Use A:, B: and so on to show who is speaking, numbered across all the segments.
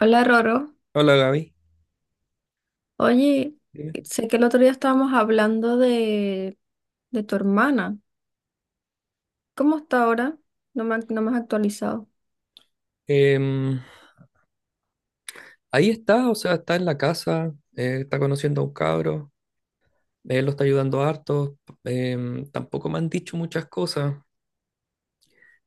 A: Hola Roro,
B: Hola Gaby.
A: oye,
B: Dime.
A: sé que el otro día estábamos hablando de tu hermana. ¿Cómo está ahora? No me has actualizado.
B: Em, Ahí está, o sea, está en la casa, está conociendo a un cabro, él lo está ayudando harto. Tampoco me han dicho muchas cosas,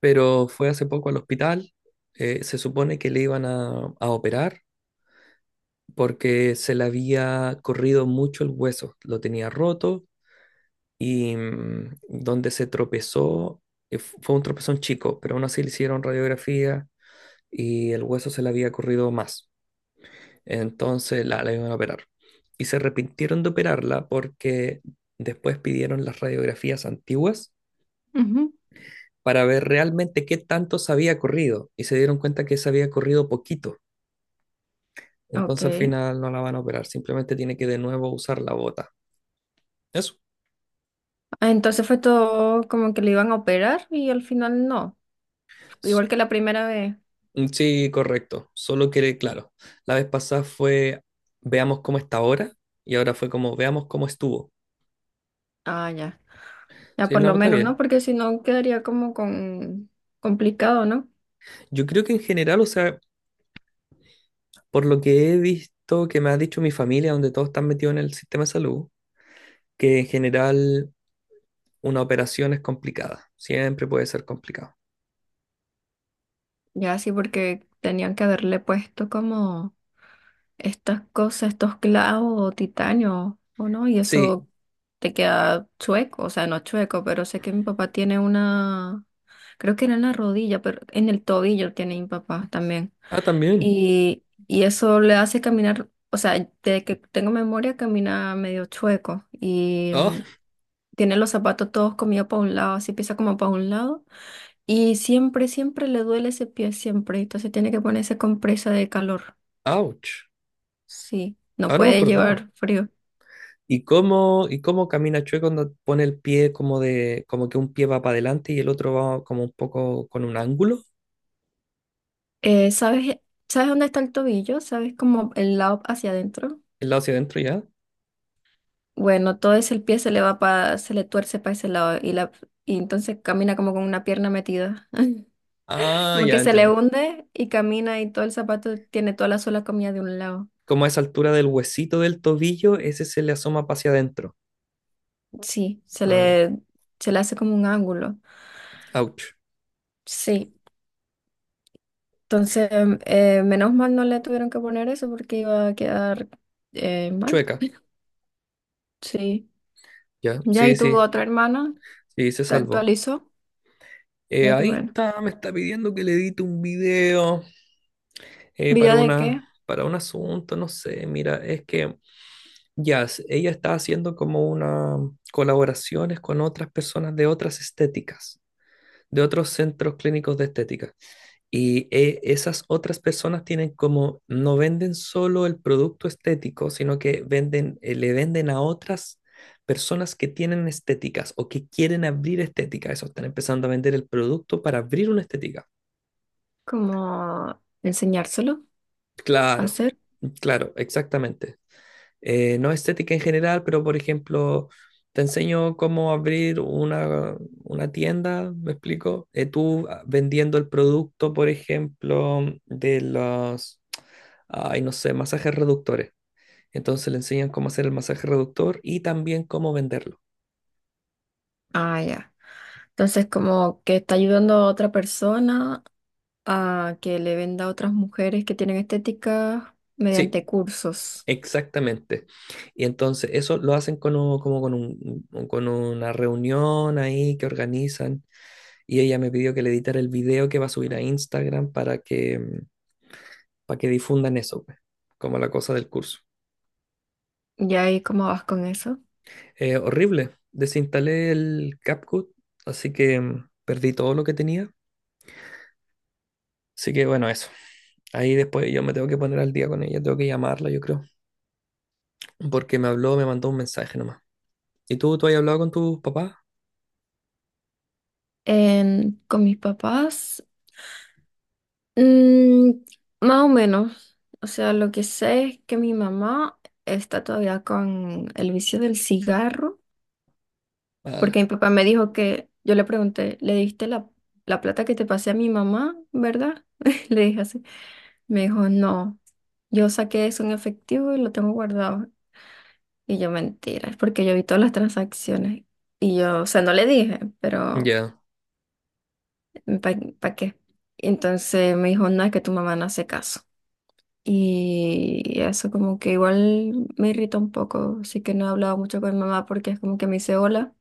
B: pero fue hace poco al hospital. Se supone que le iban a operar porque se le había corrido mucho el hueso, lo tenía roto y donde se tropezó, fue un tropezón chico, pero aún así le hicieron radiografía y el hueso se le había corrido más. Entonces la iban a operar. Y se arrepintieron de operarla porque después pidieron las radiografías antiguas
A: Ujú.
B: para ver realmente qué tanto se había corrido. Y se dieron cuenta que se había corrido poquito. Entonces al
A: Ok.
B: final no la van a operar. Simplemente tiene que de nuevo usar la bota. Eso.
A: Ah, entonces fue todo como que le iban a operar y al final no.
B: S-
A: Igual que la primera vez.
B: Sí, correcto. Solo que, claro, la vez pasada fue veamos cómo está ahora. Y ahora fue como veamos cómo estuvo.
A: Ah, ya. Ya
B: Sí,
A: por
B: no,
A: lo
B: está
A: menos, ¿no?
B: bien.
A: Porque si no quedaría como con complicado, ¿no?
B: Yo creo que en general, o sea, por lo que he visto que me ha dicho mi familia, donde todos están metidos en el sistema de salud, que en general una operación es complicada. Siempre puede ser complicado.
A: Ya sí, porque tenían que haberle puesto como estas cosas, estos clavos o titanio, o no, y
B: Sí.
A: eso te queda chueco, o sea, no chueco, pero sé que mi papá tiene una, creo que era en la rodilla, pero en el tobillo tiene mi papá también.
B: Ah, también.
A: Y eso le hace caminar, o sea, desde que tengo memoria camina medio chueco y
B: Oh,
A: tiene los zapatos todos comidos para un lado, así pisa como para un lado. Y siempre, siempre le duele ese pie, siempre. Entonces tiene que ponerse compresa de calor.
B: ouch.
A: Sí, no
B: Ahora me
A: puede
B: acordaba.
A: llevar frío.
B: Y cómo camina Chue cuando pone el pie como de, como que un pie va para adelante y el otro va como un poco con un ángulo,
A: ¿Sabes, sabes dónde está el tobillo? ¿Sabes como el lado hacia adentro?
B: el lado hacia adentro ya?
A: Bueno, todo ese el pie se le va se le tuerce para ese lado y entonces camina como con una pierna metida.
B: Ah,
A: Como que
B: ya
A: se le
B: entiendo.
A: hunde y camina y todo el zapato tiene toda la sola comida de un lado.
B: Como a esa altura del huesito del tobillo, ese se le asoma para hacia adentro.
A: Sí, se
B: Ah, ya.
A: le, se le hace como un ángulo.
B: Ouch.
A: Sí. Entonces, menos mal no le tuvieron que poner eso porque iba a quedar mal.
B: Chueca.
A: Sí.
B: Ya.
A: Ya,
B: Sí,
A: y tu
B: sí.
A: otra hermana
B: Sí, se
A: te
B: salvó.
A: actualizó, ya que
B: Ahí
A: bueno.
B: está, me está pidiendo que le edite un video para
A: ¿Video de qué?
B: una, para un asunto, no sé, mira, es que ya, ella está haciendo como una colaboraciones con otras personas de otras estéticas, de otros centros clínicos de estética. Y esas otras personas tienen como, no venden solo el producto estético, sino que venden, le venden a otras personas que tienen estéticas o que quieren abrir estética. Eso, están empezando a vender el producto para abrir una estética.
A: Como enseñárselo a
B: Claro,
A: hacer.
B: claro, exactamente. No estética en general, pero por ejemplo, te enseño cómo abrir una tienda, ¿me explico? Tú vendiendo el producto, por ejemplo, de los, ay, no sé, masajes reductores. Entonces le enseñan cómo hacer el masaje reductor y también cómo venderlo.
A: Ah, ya. Entonces, como que está ayudando a otra persona a que le venda a otras mujeres que tienen estética
B: Sí,
A: mediante cursos.
B: exactamente. Y entonces eso lo hacen con como con con una reunión ahí que organizan y ella me pidió que le editara el video que va a subir a Instagram para que difundan eso, pues, como la cosa del curso.
A: ¿Y ahí cómo vas con eso?
B: Horrible, desinstalé el CapCut, así que perdí todo lo que tenía. Así que bueno, eso. Ahí después yo me tengo que poner al día con ella, tengo que llamarla, yo creo, porque me habló, me mandó un mensaje nomás. ¿Y tú has hablado con tus papás?
A: En- con mis papás, mm, más o menos. O sea, lo que sé es que mi mamá está todavía con el vicio del cigarro.
B: Ala.
A: Porque mi papá me dijo que, yo le pregunté, ¿le diste la plata que te pasé a mi mamá, verdad? Le dije así. Me dijo, no, yo saqué eso en efectivo y lo tengo guardado. Y yo, mentira, es porque yo vi todas las transacciones. Y yo, o sea, no le dije, pero
B: Ya.
A: ¿para qué? Entonces me dijo, no, es que tu mamá no hace caso. Y eso como que igual me irrita un poco, así que no he hablado mucho con mi mamá porque es como que me dice hola.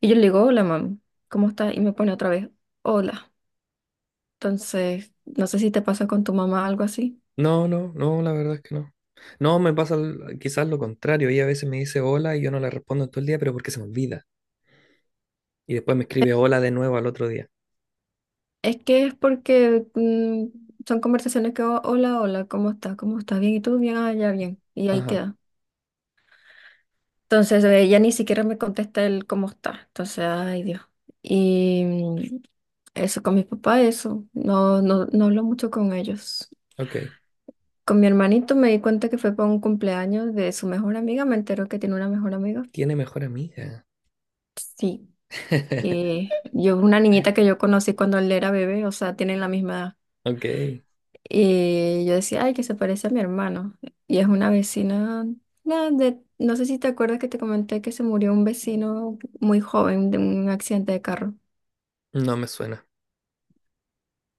A: Y yo le digo, hola, mam, ¿cómo estás? Y me pone otra vez, hola. Entonces, no sé si te pasa con tu mamá algo así.
B: No, no, no, la verdad es que no. No, me pasa quizás lo contrario. Ella a veces me dice hola y yo no le respondo en todo el día, pero porque se me olvida. Y después me escribe hola de nuevo al otro día.
A: Es que es porque son conversaciones que, "Oh, hola, hola, ¿cómo estás? ¿Cómo estás? ¿Bien? ¿Y tú? Bien, ah, ya, bien." Y ahí
B: Ajá,
A: queda. Entonces, ella ni siquiera me contesta el cómo está. Entonces, ay, Dios. Y eso con mis papás, eso. No, no, no hablo mucho con ellos.
B: ok.
A: Con mi hermanito me di cuenta que fue para un cumpleaños de su mejor amiga. Me enteró que tiene una mejor amiga.
B: Tiene mejor amiga.
A: Sí. Una niñita que yo conocí cuando él era bebé, o sea, tienen la misma edad.
B: Ok,
A: Y yo decía, ay, que se parece a mi hermano. Y es una vecina, no sé si te acuerdas que te comenté que se murió un vecino muy joven de un accidente de carro.
B: no me suena.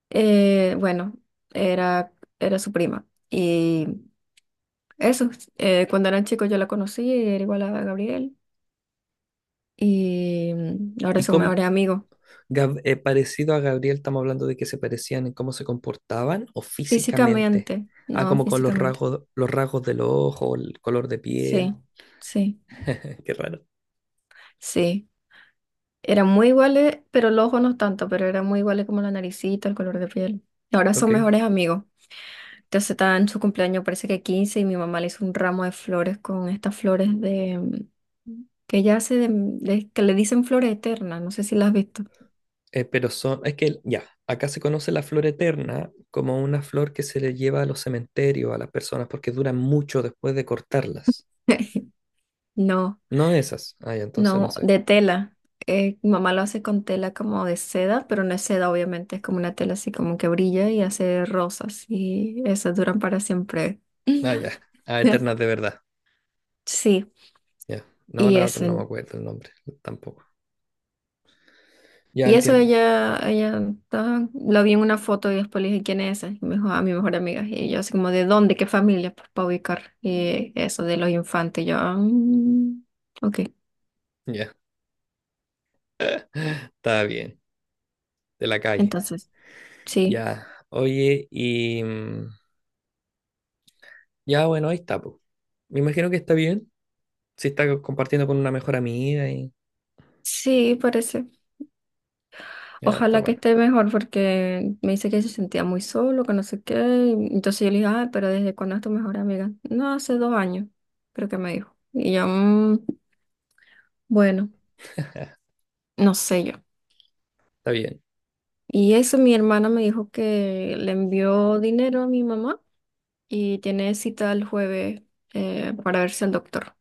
A: Bueno, era, era su prima. Y eso, cuando eran chicos yo la conocí, era igual a Gabriel. Y ahora
B: ¿Y
A: es un
B: cómo,
A: mejor amigo.
B: Parecido a Gabriel, estamos hablando de que se parecían en cómo se comportaban o físicamente?
A: Físicamente,
B: Ah,
A: no
B: como con
A: físicamente.
B: los rasgos del ojo, el color de
A: Sí,
B: piel.
A: sí.
B: Qué raro.
A: Sí, eran muy iguales, pero los ojos no tanto, pero eran muy iguales como la naricita, el color de piel. Y ahora son
B: Ok.
A: mejores amigos. Entonces está en su cumpleaños, parece que 15 y mi mamá le hizo un ramo de flores con estas flores de... mm, que ella hace que le dicen flores eternas, no sé si las has visto.
B: Pero son, es que ya, acá se conoce la flor eterna como una flor que se le lleva a los cementerios, a las personas, porque duran mucho después de cortarlas.
A: No,
B: No esas. Ah, ya, entonces no
A: no,
B: sé.
A: de tela. Mi mamá lo hace con tela como de seda, pero no es seda, obviamente, es como una tela así como que brilla y hace rosas y esas duran para siempre.
B: Ah, ya. Ah, eternas de verdad.
A: Sí,
B: Ya. No,
A: y
B: la otra no me
A: eso.
B: acuerdo el nombre, tampoco. Ya
A: Y eso
B: entiendo.
A: ella estaba- lo vi en una foto y después le dije, ¿quién es esa? Y me dijo, ah, mi mejor amiga. Y yo así como, ¿de dónde? ¿Qué familia? Pues para ubicar y eso de los infantes. Y yo, "Ah, mm, ok."
B: Ya, está bien, de la calle.
A: Entonces, sí,
B: Ya, oye, y ya bueno, ahí está, pues. Me imagino que está bien. Si está compartiendo con una mejor amiga y
A: sí, parece.
B: ya está
A: Ojalá que
B: bueno.
A: esté mejor porque me dice que se sentía muy solo, que no sé qué. Y entonces yo le dije, ah, pero ¿desde cuándo es tu mejor amiga? No, hace 2 años, creo que me dijo. Y yo, "Mm, bueno, no sé yo."
B: Está bien.
A: Y eso, mi hermana me dijo que le envió dinero a mi mamá y tiene cita el jueves para verse al doctor.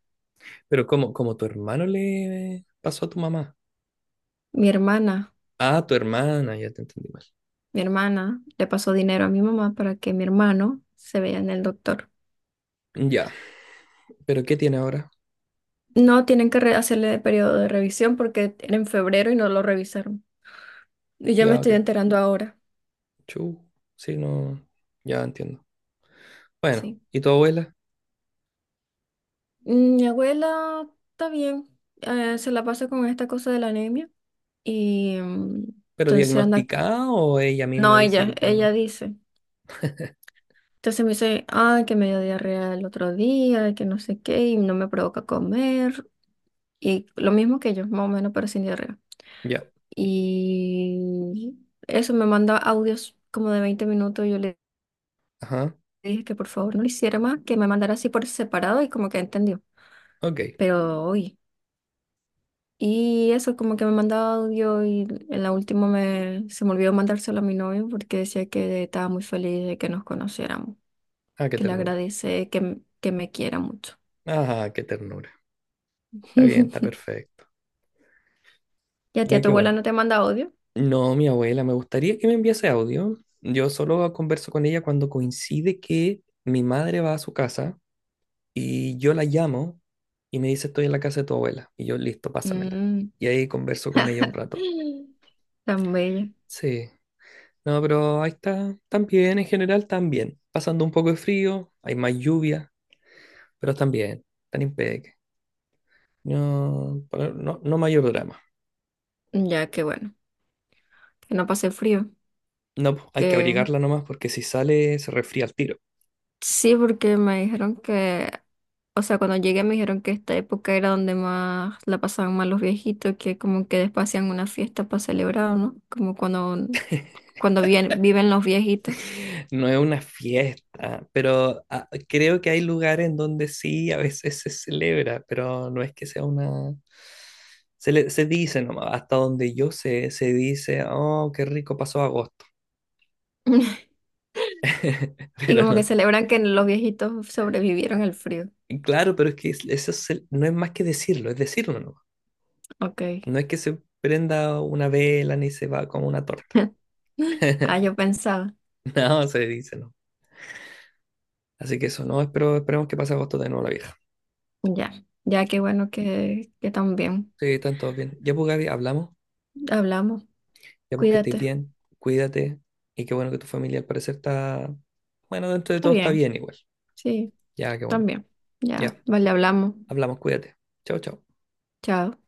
B: Pero ¿cómo, cómo tu hermano le pasó a tu mamá?
A: Mi hermana,
B: Ah, tu hermana, ya te entendí mal.
A: mi hermana le pasó dinero a mi mamá para que mi hermano se vea en el doctor.
B: Mm, ya, pero ¿qué tiene ahora?
A: No tienen que re- hacerle periodo de revisión porque era en febrero y no lo revisaron. Y yo me
B: Ya,
A: estoy
B: ok.
A: enterando ahora,
B: Chu, sí, no, ya entiendo. Bueno,
A: sí.
B: ¿y tu abuela?
A: Mm, mi abuela está bien, se la pasa con esta cosa de la anemia y
B: ¿Pero
A: entonces anda...
B: diagnosticada o ella misma
A: No,
B: dice yo
A: ella
B: tengo?
A: dice. Entonces me dice, ay, que me dio diarrea el otro día, que no sé qué, y no me provoca comer. Y lo mismo que yo, más o menos, pero sin diarrea.
B: Ya,
A: Y eso me manda audios como de 20 minutos. Yo le
B: ajá,
A: dije que por favor no lo hiciera más, que me mandara así por separado y como que entendió.
B: ok.
A: Pero hoy. Y eso, como que me mandaba audio y en la última se me olvidó mandárselo a mi novio porque decía que estaba muy feliz de que nos conociéramos,
B: Ah, qué
A: que le
B: ternura.
A: agradece, que me quiera mucho.
B: Ah, qué ternura. Está bien, está perfecto.
A: ¿Y a ti, a
B: Ya
A: tu
B: que
A: abuela
B: bueno.
A: no te manda odio?
B: No, mi abuela, me gustaría que me enviase audio. Yo solo converso con ella cuando coincide que mi madre va a su casa y yo la llamo y me dice estoy en la casa de tu abuela. Y yo, listo, pásamela.
A: Mm.
B: Y ahí converso con ella un rato.
A: Tan bella.
B: Sí. No, pero ahí está. Tan bien, en general, tan bien. Pasando un poco de frío, hay más lluvia, pero están bien, están impeque. No, pero no, no mayor drama.
A: Ya que bueno, que no pasé frío.
B: No, pues, hay que
A: Que
B: abrigarla nomás porque si sale se resfría al tiro.
A: sí, porque me dijeron que, o sea, cuando llegué me dijeron que esta época era donde más la pasaban mal los viejitos, que como que después hacían una fiesta para celebrar, ¿no? Como cuando, cuando viven, viven los viejitos.
B: No es una fiesta, pero ah, creo que hay lugares en donde sí a veces se celebra, pero no es que sea una... se dice nomás, hasta donde yo sé, se dice, oh, qué rico pasó agosto.
A: Y
B: Pero
A: como que
B: no-
A: celebran que los viejitos sobrevivieron al frío.
B: claro, pero es que eso no es más que decirlo, es decirlo nomás.
A: Ok.
B: No es que se prenda una vela ni se va como una torta.
A: Ah, yo pensaba.
B: No, se dice no. Así que eso, no, espero, esperemos que pase agosto de nuevo la vieja.
A: Ya, ya que bueno que también
B: Sí, están todos bien. Ya, pues, Gaby, hablamos.
A: hablamos.
B: Ya pues que estés
A: Cuídate.
B: bien, cuídate y qué bueno que tu familia al parecer está, bueno, dentro de
A: Está
B: todo está
A: bien,
B: bien igual.
A: sí,
B: Ya, qué bueno.
A: también.
B: Ya,
A: Ya, vale, hablamos.
B: hablamos, cuídate. Chao, chao.
A: Chao.